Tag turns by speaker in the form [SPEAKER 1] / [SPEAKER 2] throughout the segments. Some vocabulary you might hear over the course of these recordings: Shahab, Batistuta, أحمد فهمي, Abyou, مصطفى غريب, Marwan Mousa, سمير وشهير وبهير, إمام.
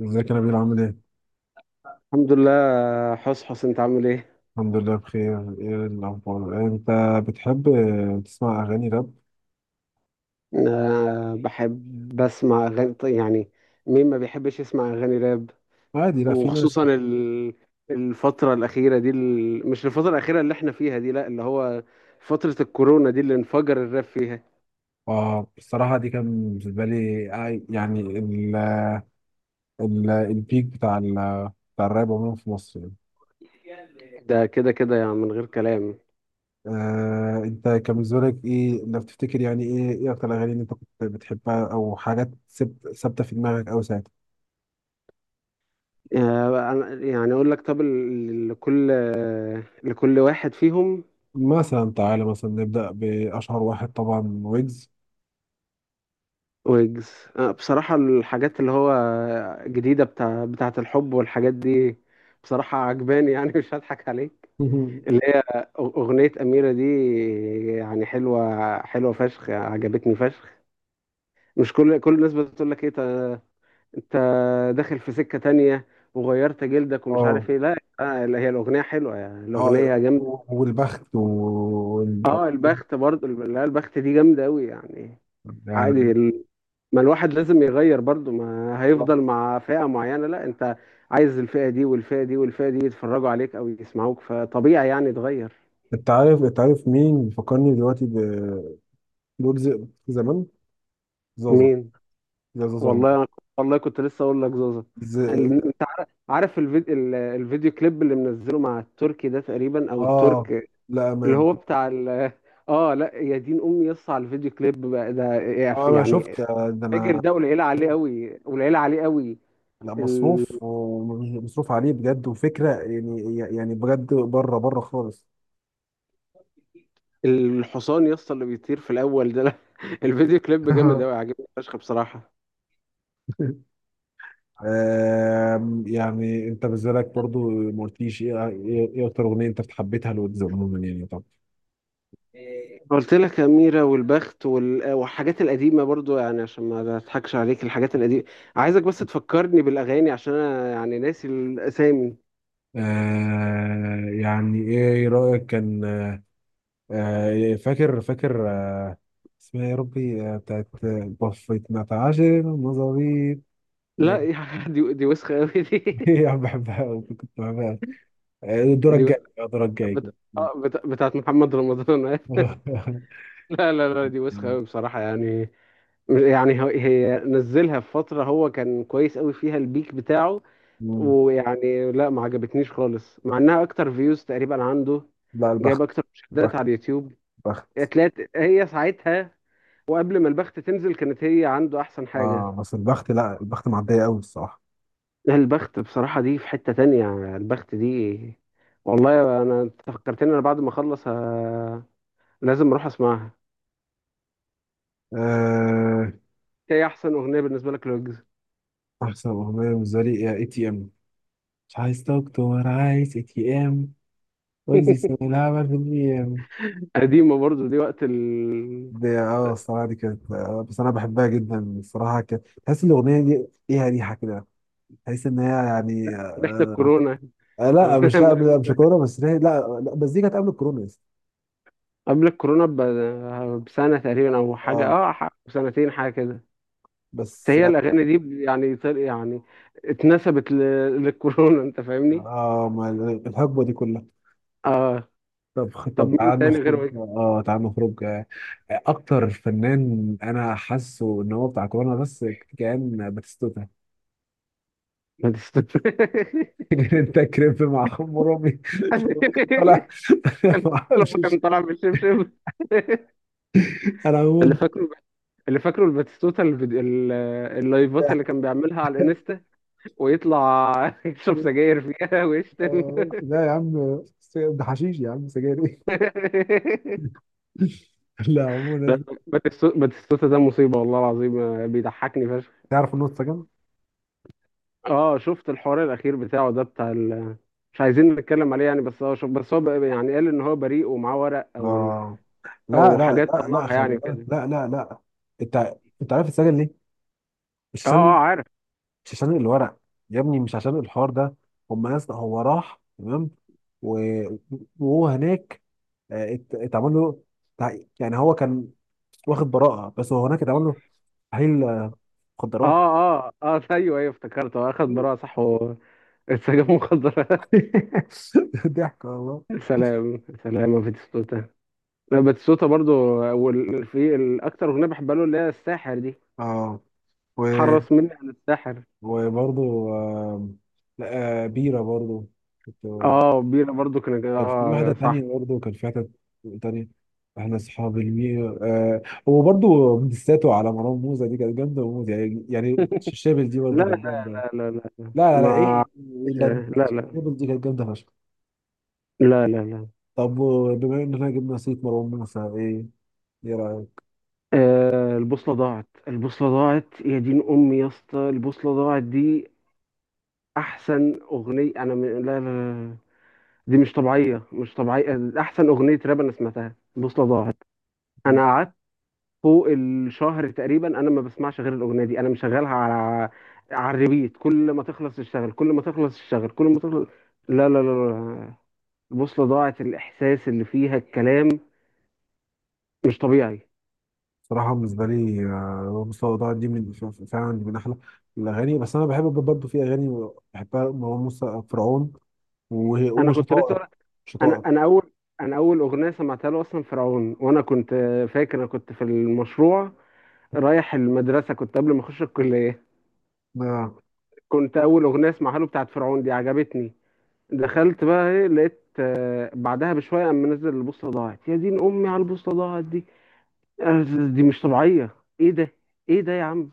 [SPEAKER 1] ازيك يا نبيل، عامل ايه؟
[SPEAKER 2] الحمد لله. حس انت عامل ايه؟
[SPEAKER 1] الحمد لله بخير، ايه الاخبار؟ انت بتحب تسمع اغاني راب؟
[SPEAKER 2] أه بحب بسمع اغاني، طيب يعني مين ما بيحبش يسمع اغاني راب؟
[SPEAKER 1] عادي، لا في ناس.
[SPEAKER 2] وخصوصا الفترة الأخيرة دي مش الفترة الأخيرة اللي احنا فيها دي، لا، اللي هو فترة الكورونا دي اللي انفجر الراب فيها.
[SPEAKER 1] اه الصراحة دي كان بالنسبة لي، يعني ال ال البيك بتاع بتاع الراب عموما في مصر يعني.
[SPEAKER 2] ده كده كده يعني من غير كلام.
[SPEAKER 1] انت كان بالنسبة لك ايه لو تفتكر، يعني ايه اكتر الاغاني اللي انت كنت بتحبها او حاجات ثابتة في دماغك او ساعتها؟
[SPEAKER 2] يعني اقول لك، طب لكل لكل واحد فيهم.
[SPEAKER 1] مثلا تعالى، مثلا نبدأ بأشهر واحد طبعا، ويجز.
[SPEAKER 2] ويجز، بصراحة الحاجات اللي هو جديدة بتاعة الحب والحاجات دي بصراحة عجباني يعني مش هضحك عليك. اللي هي أغنية أميرة دي يعني حلوة، حلوة فشخ، عجبتني فشخ. مش كل الناس بتقول لك إيه أنت داخل في سكة تانية وغيرت جلدك ومش
[SPEAKER 1] اه،
[SPEAKER 2] عارف إيه؟ لا آه، هي الأغنية حلوة، يعني الأغنية
[SPEAKER 1] اه،
[SPEAKER 2] جامدة.
[SPEAKER 1] والبخت ومش عارف
[SPEAKER 2] أه
[SPEAKER 1] إيه.
[SPEAKER 2] البخت برضه، لا البخت دي جامدة أوي يعني.
[SPEAKER 1] يعني
[SPEAKER 2] عادي، ما الواحد لازم يغير برضو، ما هيفضل مع فئة معينة. لا انت عايز الفئة دي والفئة دي والفئة دي يتفرجوا عليك او يسمعوك، فطبيعي يعني تغير.
[SPEAKER 1] انت عارف، مين بيفكرني دلوقتي، بلوجز زمان، زازا.
[SPEAKER 2] مين؟
[SPEAKER 1] يا زازا عمر.
[SPEAKER 2] والله أنا والله كنت لسه اقول لك زوزة.
[SPEAKER 1] ز...
[SPEAKER 2] انت عارف الفيديو، الفيديو كليب اللي منزله مع التركي ده تقريبا او
[SPEAKER 1] اه،
[SPEAKER 2] الترك،
[SPEAKER 1] لا
[SPEAKER 2] اللي
[SPEAKER 1] امان.
[SPEAKER 2] هو بتاع ال، اه لا يا دين امي يص على الفيديو كليب بقى ده،
[SPEAKER 1] اه، انا
[SPEAKER 2] يعني
[SPEAKER 1] شفت، ده
[SPEAKER 2] فاجر.
[SPEAKER 1] انا.
[SPEAKER 2] ده قليله عليه قوي، قليله عليه قوي.
[SPEAKER 1] لا، مصروف، ومصروف عليه بجد وفكره، يعني بجد، بره بره خالص.
[SPEAKER 2] الحصان يا اسطى اللي بيطير في الاول ده، لا، الفيديو كليب جامد قوي، عاجبني فشخ بصراحه.
[SPEAKER 1] يعني انت بالنسبه لك برضو ما قلتليش ايه اكتر اغنيه انت حبيتها لويجز عموما، يعني طبعا.
[SPEAKER 2] قلت لك اميره والبخت والحاجات القديمه برضو، يعني عشان ما اضحكش عليك الحاجات القديمه. عايزك بس تفكرني بالاغاني عشان انا يعني ناسي الاسامي.
[SPEAKER 1] يعني ايه رأيك كان؟ فاكر فاكر، اسمها إيه يا ربي، بتاعت بفيت نتعاشر مظابيط.
[SPEAKER 2] لا دي دي وسخه قوي دي.
[SPEAKER 1] هي يعني بحبها أوي، كنت بحبها أوي. الدور
[SPEAKER 2] دي وسخة.
[SPEAKER 1] الجاي، الدور الجاي.
[SPEAKER 2] بتاعت محمد رمضان لا لا لا دي وسخه قوي بصراحه يعني. يعني هي نزلها في فتره هو كان كويس قوي فيها، البيك بتاعه.
[SPEAKER 1] مم.
[SPEAKER 2] ويعني لا ما عجبتنيش خالص، مع انها اكتر فيوز تقريبا عنده،
[SPEAKER 1] لا
[SPEAKER 2] جايب
[SPEAKER 1] البخت،
[SPEAKER 2] اكتر مشاهدات
[SPEAKER 1] بخت،
[SPEAKER 2] على اليوتيوب.
[SPEAKER 1] بخت.
[SPEAKER 2] اتلات هي ساعتها، وقبل ما البخت تنزل كانت هي عنده احسن حاجة.
[SPEAKER 1] اه بس البخت، لا البخت معدية قوي الصراحة.
[SPEAKER 2] لا، البخت بصراحة دي في حتة تانية، البخت دي. والله انا، أنت فكرتني، انا بعد ما اخلص لازم اروح اسمعها.
[SPEAKER 1] آه
[SPEAKER 2] هي احسن اغنية بالنسبة لك لوجز؟
[SPEAKER 1] احسن اغنية بالنسبة لي اي تي ام. مش عايز دكتور، عايز اي تي ام. واجزي سنة العمل في الاي.
[SPEAKER 2] قديمة برضو دي، وقت
[SPEAKER 1] دي اه الصراحة دي كانت، بس أنا بحبها جدا الصراحة. كانت تحس إن الأغنية دي ليها ريحة كده، تحس إن هي يعني.
[SPEAKER 2] ريحة الكورونا.
[SPEAKER 1] لا،
[SPEAKER 2] أغنية
[SPEAKER 1] مش، لا،
[SPEAKER 2] من
[SPEAKER 1] مش كورونا بس، ليه- لا لا بس دي كانت قبل الكورونا يا اسطى.
[SPEAKER 2] قبل الكورونا بسنة تقريبا او حاجة،
[SPEAKER 1] اه
[SPEAKER 2] اه بسنتين حاجة كده.
[SPEAKER 1] بس.
[SPEAKER 2] فهي الاغاني دي يعني يعني اتنسبت ل- للكورونا، انت فاهمني.
[SPEAKER 1] اه ما ال- الحقبة دي كلها.
[SPEAKER 2] اه. طب
[SPEAKER 1] طب
[SPEAKER 2] مين
[SPEAKER 1] تعال
[SPEAKER 2] تاني
[SPEAKER 1] نخرج،
[SPEAKER 2] غير وجدي؟
[SPEAKER 1] اه تعال نخرج. أكتر فنان أنا حاسه إن هو بتاع كورونا بس كان باتيستوتا.
[SPEAKER 2] ما تست-
[SPEAKER 1] انت كريب مع خمرمي طلع.
[SPEAKER 2] كان
[SPEAKER 1] ما
[SPEAKER 2] لما
[SPEAKER 1] اعرفش.
[SPEAKER 2] كان طالع بالشبشب
[SPEAKER 1] انا
[SPEAKER 2] اللي
[SPEAKER 1] عموما
[SPEAKER 2] فاكره، اللي فاكره الباتيستوتا، اللايفات اللي كان بيعملها على الانستا، ويطلع يشرب سجاير فيها ويشتم
[SPEAKER 1] لا يا عم، ده حشيش يا عم، سجاير ايه؟ لا عموما.
[SPEAKER 2] باتيستوتا ده مصيبة والله العظيم، بيضحكني.
[SPEAKER 1] تعرف انه اتسجن؟
[SPEAKER 2] اه شفت الحوار الاخير بتاعه ده بتاع مش عايزين نتكلم عليه يعني، بس هو شوف، بس هو بقى يعني قال ان هو بريء ومعاه ورق او
[SPEAKER 1] اه، لا
[SPEAKER 2] او
[SPEAKER 1] لا
[SPEAKER 2] حاجات
[SPEAKER 1] لا لا،
[SPEAKER 2] طلعها
[SPEAKER 1] خلي
[SPEAKER 2] يعني
[SPEAKER 1] بالك،
[SPEAKER 2] كده.
[SPEAKER 1] لا لا لا. انت انت عارف اتسجن ليه؟ مش
[SPEAKER 2] اه
[SPEAKER 1] عشان
[SPEAKER 2] اه عارف.
[SPEAKER 1] مش عشان الورق يا ابني، مش عشان الحوار ده. هم ناس، هو راح تمام و... وهو هناك، اتعمل له، يعني هو كان واخد براءة، بس هو هناك اتعمل له تحليل، مخدرات.
[SPEAKER 2] اه اه ايوه افتكرته، هو اخد براءة صح واتسجن مخدرات.
[SPEAKER 1] ضحك والله.
[SPEAKER 2] سلام سلام يا باتيستوتا. لا باتيستوتا برضو في الاكتر اغنيه بحبها له اللي هي الساحر دي،
[SPEAKER 1] اه و
[SPEAKER 2] حرص مني عن الساحر.
[SPEAKER 1] وبرضه. آم، لا، بيرة برضه. كنت-
[SPEAKER 2] اه بينا برضو كان،
[SPEAKER 1] كان في
[SPEAKER 2] اه
[SPEAKER 1] واحدة
[SPEAKER 2] يا صح.
[SPEAKER 1] تانية برضه، كان في حتة تانية، احنا اصحاب المية. هو برضه ديساته على مروان موسى دي كانت جامدة وموت، يعني الشابل دي
[SPEAKER 2] لا
[SPEAKER 1] برضه كانت
[SPEAKER 2] لا
[SPEAKER 1] جامدة. لا
[SPEAKER 2] لا.
[SPEAKER 1] لا لا،
[SPEAKER 2] ما
[SPEAKER 1] ايه؟ لا
[SPEAKER 2] لا لا
[SPEAKER 1] الشابل دي كانت جامدة فشخ.
[SPEAKER 2] لا.
[SPEAKER 1] طب، بما اننا جبنا سيرة مروان موسى، ايه رأيك؟
[SPEAKER 2] آه، البوصلة ضاعت، البوصلة ضاعت، يا دين أمي يا اسطى البوصلة ضاعت دي. أحسن أغنية أنا لا، لا لا، دي مش طبيعية، مش طبيعية. أحسن أغنية راب أنا سمعتها البوصلة ضاعت. أنا قعدت فوق الشهر تقريبا أنا ما بسمعش غير الأغنية دي، أنا مشغلها على على الريبيت، كل ما تخلص اشتغل كل ما تخلص اشتغل كل ما تخلص. لا. البوصلة ضاعت، الإحساس اللي فيها، الكلام مش طبيعي.
[SPEAKER 1] صراحة بالنسبة لي، مستوى ضاع دي من، فعلا دي من أحلى الأغاني. بس أنا بحب برضه في أغاني بحبها مروان موسى: فرعون،
[SPEAKER 2] أنا كنت
[SPEAKER 1] وشطائر.
[SPEAKER 2] لسه، انا
[SPEAKER 1] شطائر.
[SPEAKER 2] انا اول، انا اول اغنيه سمعتها له اصلا فرعون، وانا كنت فاكر انا كنت في المشروع رايح المدرسه، كنت قبل ما اخش الكليه.
[SPEAKER 1] آه.
[SPEAKER 2] كنت اول اغنيه اسمعها له بتاعت فرعون دي، عجبتني. دخلت بقى ايه، لقيت آه، بعدها بشويه قام منزل البوصله ضاعت، يا دين امي على البوصله ضاعت دي. آه، دي مش طبيعيه، ايه ده، ايه ده يا عم.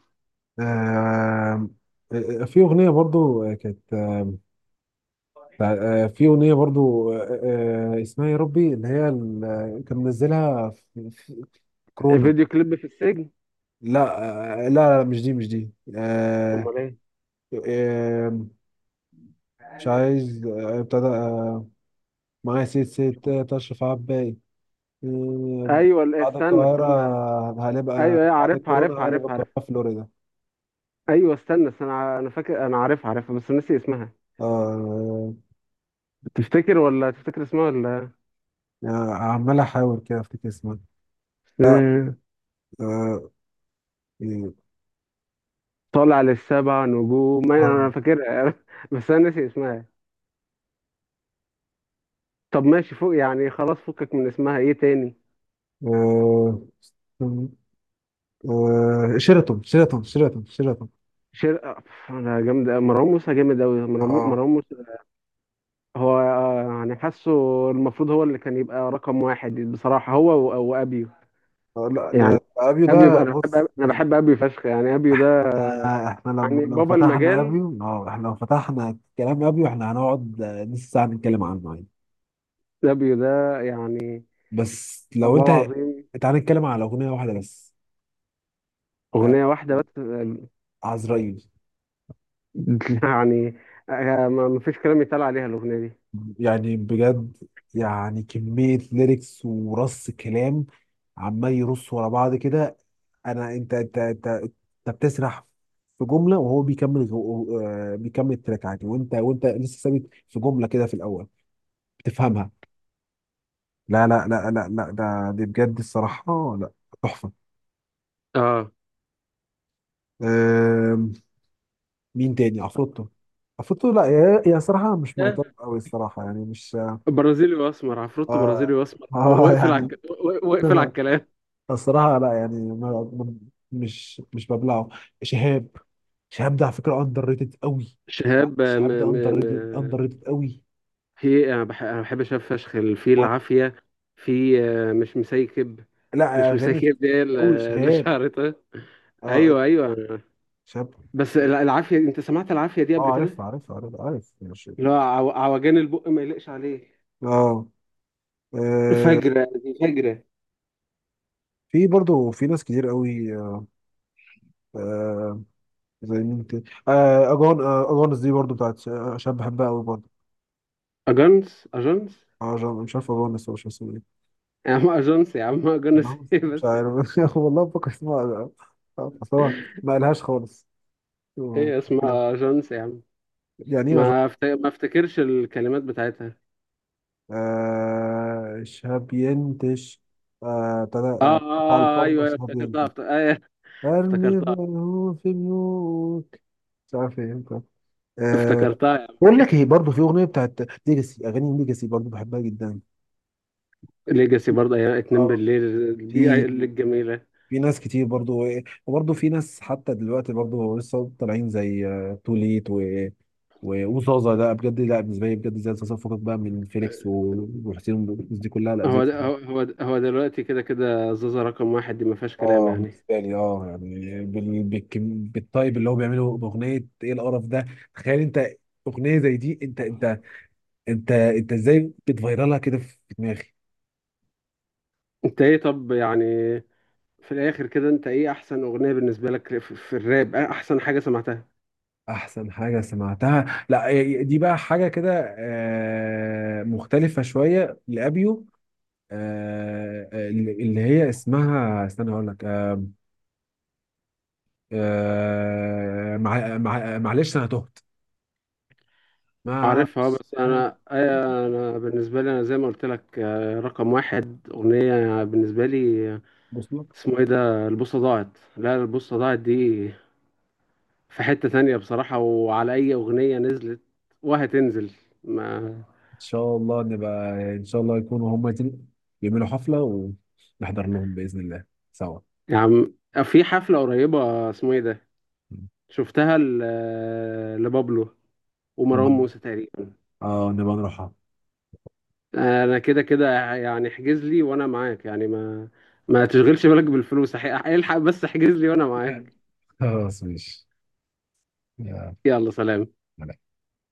[SPEAKER 1] آه. في أغنية برضو كانت، في أغنية برضو، اسمها يا ربي، اللي هي كان منزلها في كورونا.
[SPEAKER 2] فيديو كليب في السجن؟
[SPEAKER 1] لا، لا لا، مش دي، مش دي، آه،
[SPEAKER 2] امال ايه؟
[SPEAKER 1] آه، مش عايز، ابتدى، معايا ست ست، تشرف عباي، آه،
[SPEAKER 2] ايوه لا،
[SPEAKER 1] بعد
[SPEAKER 2] استنى
[SPEAKER 1] القاهرة،
[SPEAKER 2] استنى.
[SPEAKER 1] هنبقى
[SPEAKER 2] ايوه
[SPEAKER 1] بعد
[SPEAKER 2] عارفها
[SPEAKER 1] الكورونا
[SPEAKER 2] عارفها
[SPEAKER 1] هقلب
[SPEAKER 2] عارفها.
[SPEAKER 1] القاهرة فلوريدا.
[SPEAKER 2] ايوه استنى استنى، انا فاكر انا عارفها عارفها، بس ناسي اسمها.
[SPEAKER 1] آه،
[SPEAKER 2] تفتكر ولا تفتكر اسمها ولا؟
[SPEAKER 1] آه، عمال احاول كده افتكر اسمها. لا.
[SPEAKER 2] آه،
[SPEAKER 1] آه إيه،
[SPEAKER 2] طالع للسبع نجوم، ما انا
[SPEAKER 1] آه
[SPEAKER 2] فاكرها بس انا ناسي اسمها. طب ماشي فوق يعني خلاص، فكك من اسمها، ايه تاني؟
[SPEAKER 1] آه شيراتون، شيراتون، شيراتون، شيراتون.
[SPEAKER 2] شر أف، انا جامد أوي. مروان موسى جامد قوي،
[SPEAKER 1] اه
[SPEAKER 2] مروان موسى هو آه، يعني حاسه المفروض هو اللي كان يبقى رقم واحد بصراحة، هو وابيو.
[SPEAKER 1] لا،
[SPEAKER 2] يعني
[SPEAKER 1] ده ابيو،
[SPEAKER 2] ابيو
[SPEAKER 1] ده بص
[SPEAKER 2] انا
[SPEAKER 1] يعني،
[SPEAKER 2] بحب ابيو فشخ، يعني ابيو ده
[SPEAKER 1] احنا لما
[SPEAKER 2] يعني
[SPEAKER 1] لو
[SPEAKER 2] بابا
[SPEAKER 1] فتحنا
[SPEAKER 2] المجال،
[SPEAKER 1] ابيو، اه احنا لو فتحنا كلام ابيو، احنا هنقعد نص ساعة نتكلم عنه عادي.
[SPEAKER 2] ابيو ده يعني
[SPEAKER 1] بس لو
[SPEAKER 2] والله
[SPEAKER 1] انت،
[SPEAKER 2] العظيم.
[SPEAKER 1] تعال نتكلم على اغنية واحدة بس، آه،
[SPEAKER 2] اغنية واحدة بس؟
[SPEAKER 1] عزرائيل.
[SPEAKER 2] يعني آه، ما ما فيش كلام يتقال عليها الأغنية دي.
[SPEAKER 1] يعني بجد، يعني كمية ليركس ورص كلام، عمال يرص ورا بعض كده. انا، انت بتسرح في جمله وهو بيكمل بيكمل التراك عادي، وانت لسه ثابت في جمله كده في الاول، بتفهمها. لا لا لا لا لا، ده دي بجد الصراحه لا، تحفه.
[SPEAKER 2] اه
[SPEAKER 1] آم، مين تاني؟ عفروتو. عفروتو لا، يا صراحه مش مايطاب قوي الصراحه، يعني مش،
[SPEAKER 2] برازيلي واسمر، عفروتو برازيلي
[SPEAKER 1] اه
[SPEAKER 2] واسمر
[SPEAKER 1] يعني.
[SPEAKER 2] واقفل على الكلام.
[SPEAKER 1] الصراحه لا، يعني مش ببلعه. شهاب. شهاب ده على فكره اندر ريتد قوي. لا
[SPEAKER 2] شهاب آه،
[SPEAKER 1] شهاب ده اندر ريتد، اندر
[SPEAKER 2] م...
[SPEAKER 1] ريتد قوي.
[SPEAKER 2] في إيه؟ انا أنا بحب شهاب فشخ في
[SPEAKER 1] وانا.
[SPEAKER 2] العافيه، في آه، مش مسيكب،
[SPEAKER 1] لا
[SPEAKER 2] مش
[SPEAKER 1] اغاني كتير
[SPEAKER 2] مسيكب دي
[SPEAKER 1] قوي
[SPEAKER 2] آه، اللي
[SPEAKER 1] شهاب.
[SPEAKER 2] شعرتها.
[SPEAKER 1] اه
[SPEAKER 2] ايوه ايوه
[SPEAKER 1] شهاب.
[SPEAKER 2] بس العافيه، انت سمعت العافيه دي
[SPEAKER 1] اه
[SPEAKER 2] قبل
[SPEAKER 1] عارف
[SPEAKER 2] كده؟
[SPEAKER 1] عارف عارف عارف، ماشي.
[SPEAKER 2] اللي هو عوجان البق ما يليقش عليه،
[SPEAKER 1] اه آه،
[SPEAKER 2] فجرة دي فجرة.
[SPEAKER 1] في برضو في ناس كتير قوي، آه، زي مين تاني؟ اجونس دي برضو بتاعت شاب، بحبها قوي برضو.
[SPEAKER 2] أجنس،
[SPEAKER 1] مش عارف اجونس، هو مش اسمه ايه؟
[SPEAKER 2] يا عم أجنس، يا عم أجنس
[SPEAKER 1] نعم.
[SPEAKER 2] إيه
[SPEAKER 1] مش
[SPEAKER 2] بس.
[SPEAKER 1] عارف. والله بفكر اسمها، اصل هو ما قالهاش خالص، آه،
[SPEAKER 2] ايه
[SPEAKER 1] كده
[SPEAKER 2] اسمها؟ جونس يا عم؟
[SPEAKER 1] يعني ايه؟
[SPEAKER 2] ما افتكرش الكلمات بتاعتها.
[SPEAKER 1] شهاب ينتش، ابتدى،
[SPEAKER 2] اه
[SPEAKER 1] قطع
[SPEAKER 2] اه آه،
[SPEAKER 1] الفرمة
[SPEAKER 2] ايوه أيوة،
[SPEAKER 1] شهاب
[SPEAKER 2] افتكرتها
[SPEAKER 1] ينتش،
[SPEAKER 2] أيوة،
[SPEAKER 1] ارمي
[SPEAKER 2] افتكرتها،
[SPEAKER 1] بيوت في بيوت، مش عارف ايه انت. آه
[SPEAKER 2] افتكرتها يا عم.
[SPEAKER 1] بقول لك ايه، برضه في اغنيه بتاعت ليجاسي، اغاني ليجاسي برضه بحبها جدا.
[SPEAKER 2] ليجاسي برضه، ايام اتنين
[SPEAKER 1] اه
[SPEAKER 2] بالليل،
[SPEAKER 1] في
[SPEAKER 2] الجميله.
[SPEAKER 1] في ناس كتير برضه إيه، وبرضه في ناس حتى دلوقتي برضه لسه طالعين، زي توليت وزازا. لا بجد، لا بالنسبه لي بجد زي زازا، فكك بقى من فيليكس وحسين والناس دي كلها. لا زي،
[SPEAKER 2] هو ده هو، هو ده هو دلوقتي، كده كده زازا رقم واحد دي ما فيهاش كلام
[SPEAKER 1] اه
[SPEAKER 2] يعني.
[SPEAKER 1] بالنسبه لي اه يعني بالطيب اللي هو بيعمله باغنيه، ايه القرف ده؟ تخيل انت اغنيه زي دي، انت ازاي بتفيرلها كده في دماغي.
[SPEAKER 2] انت ايه؟ طب يعني في الاخر كده، انت ايه احسن اغنيه بالنسبه لك في في الراب؟ إيه احسن حاجه سمعتها؟
[SPEAKER 1] احسن حاجه سمعتها، لا ي- دي بقى حاجه كده، مختلفه شويه، لابيو، اللي هي اسمها، استنى اقول لك، معلش انا تهت،
[SPEAKER 2] عارفها
[SPEAKER 1] معلش
[SPEAKER 2] بس
[SPEAKER 1] أنا.
[SPEAKER 2] انا أيوة، انا بالنسبه لي انا زي ما قلت لك آه، رقم واحد اغنيه بالنسبه لي،
[SPEAKER 1] بص.
[SPEAKER 2] اسمه ايه ده، البوصة ضاعت. لا البوصة ضاعت دي في حتة تانية بصراحة، وعلى أي أغنية نزلت وهتنزل. ما
[SPEAKER 1] شاء الله نبقى ان شاء الله يكونوا هم يعملوا حفله ونحضر لهم باذن الله سوا،
[SPEAKER 2] يا عم، في حفلة قريبة اسمه ايه ده، شفتها لبابلو ومروان
[SPEAKER 1] نبقى
[SPEAKER 2] موسى تقريبا.
[SPEAKER 1] اه نبقى نروحها.
[SPEAKER 2] أنا كده كده يعني، احجز لي وأنا معاك، يعني ما ما تشغلش بالك بالفلوس أح- الحق بس احجز لي وأنا معاك.
[SPEAKER 1] خلاص ماشي، يا
[SPEAKER 2] يلا سلام.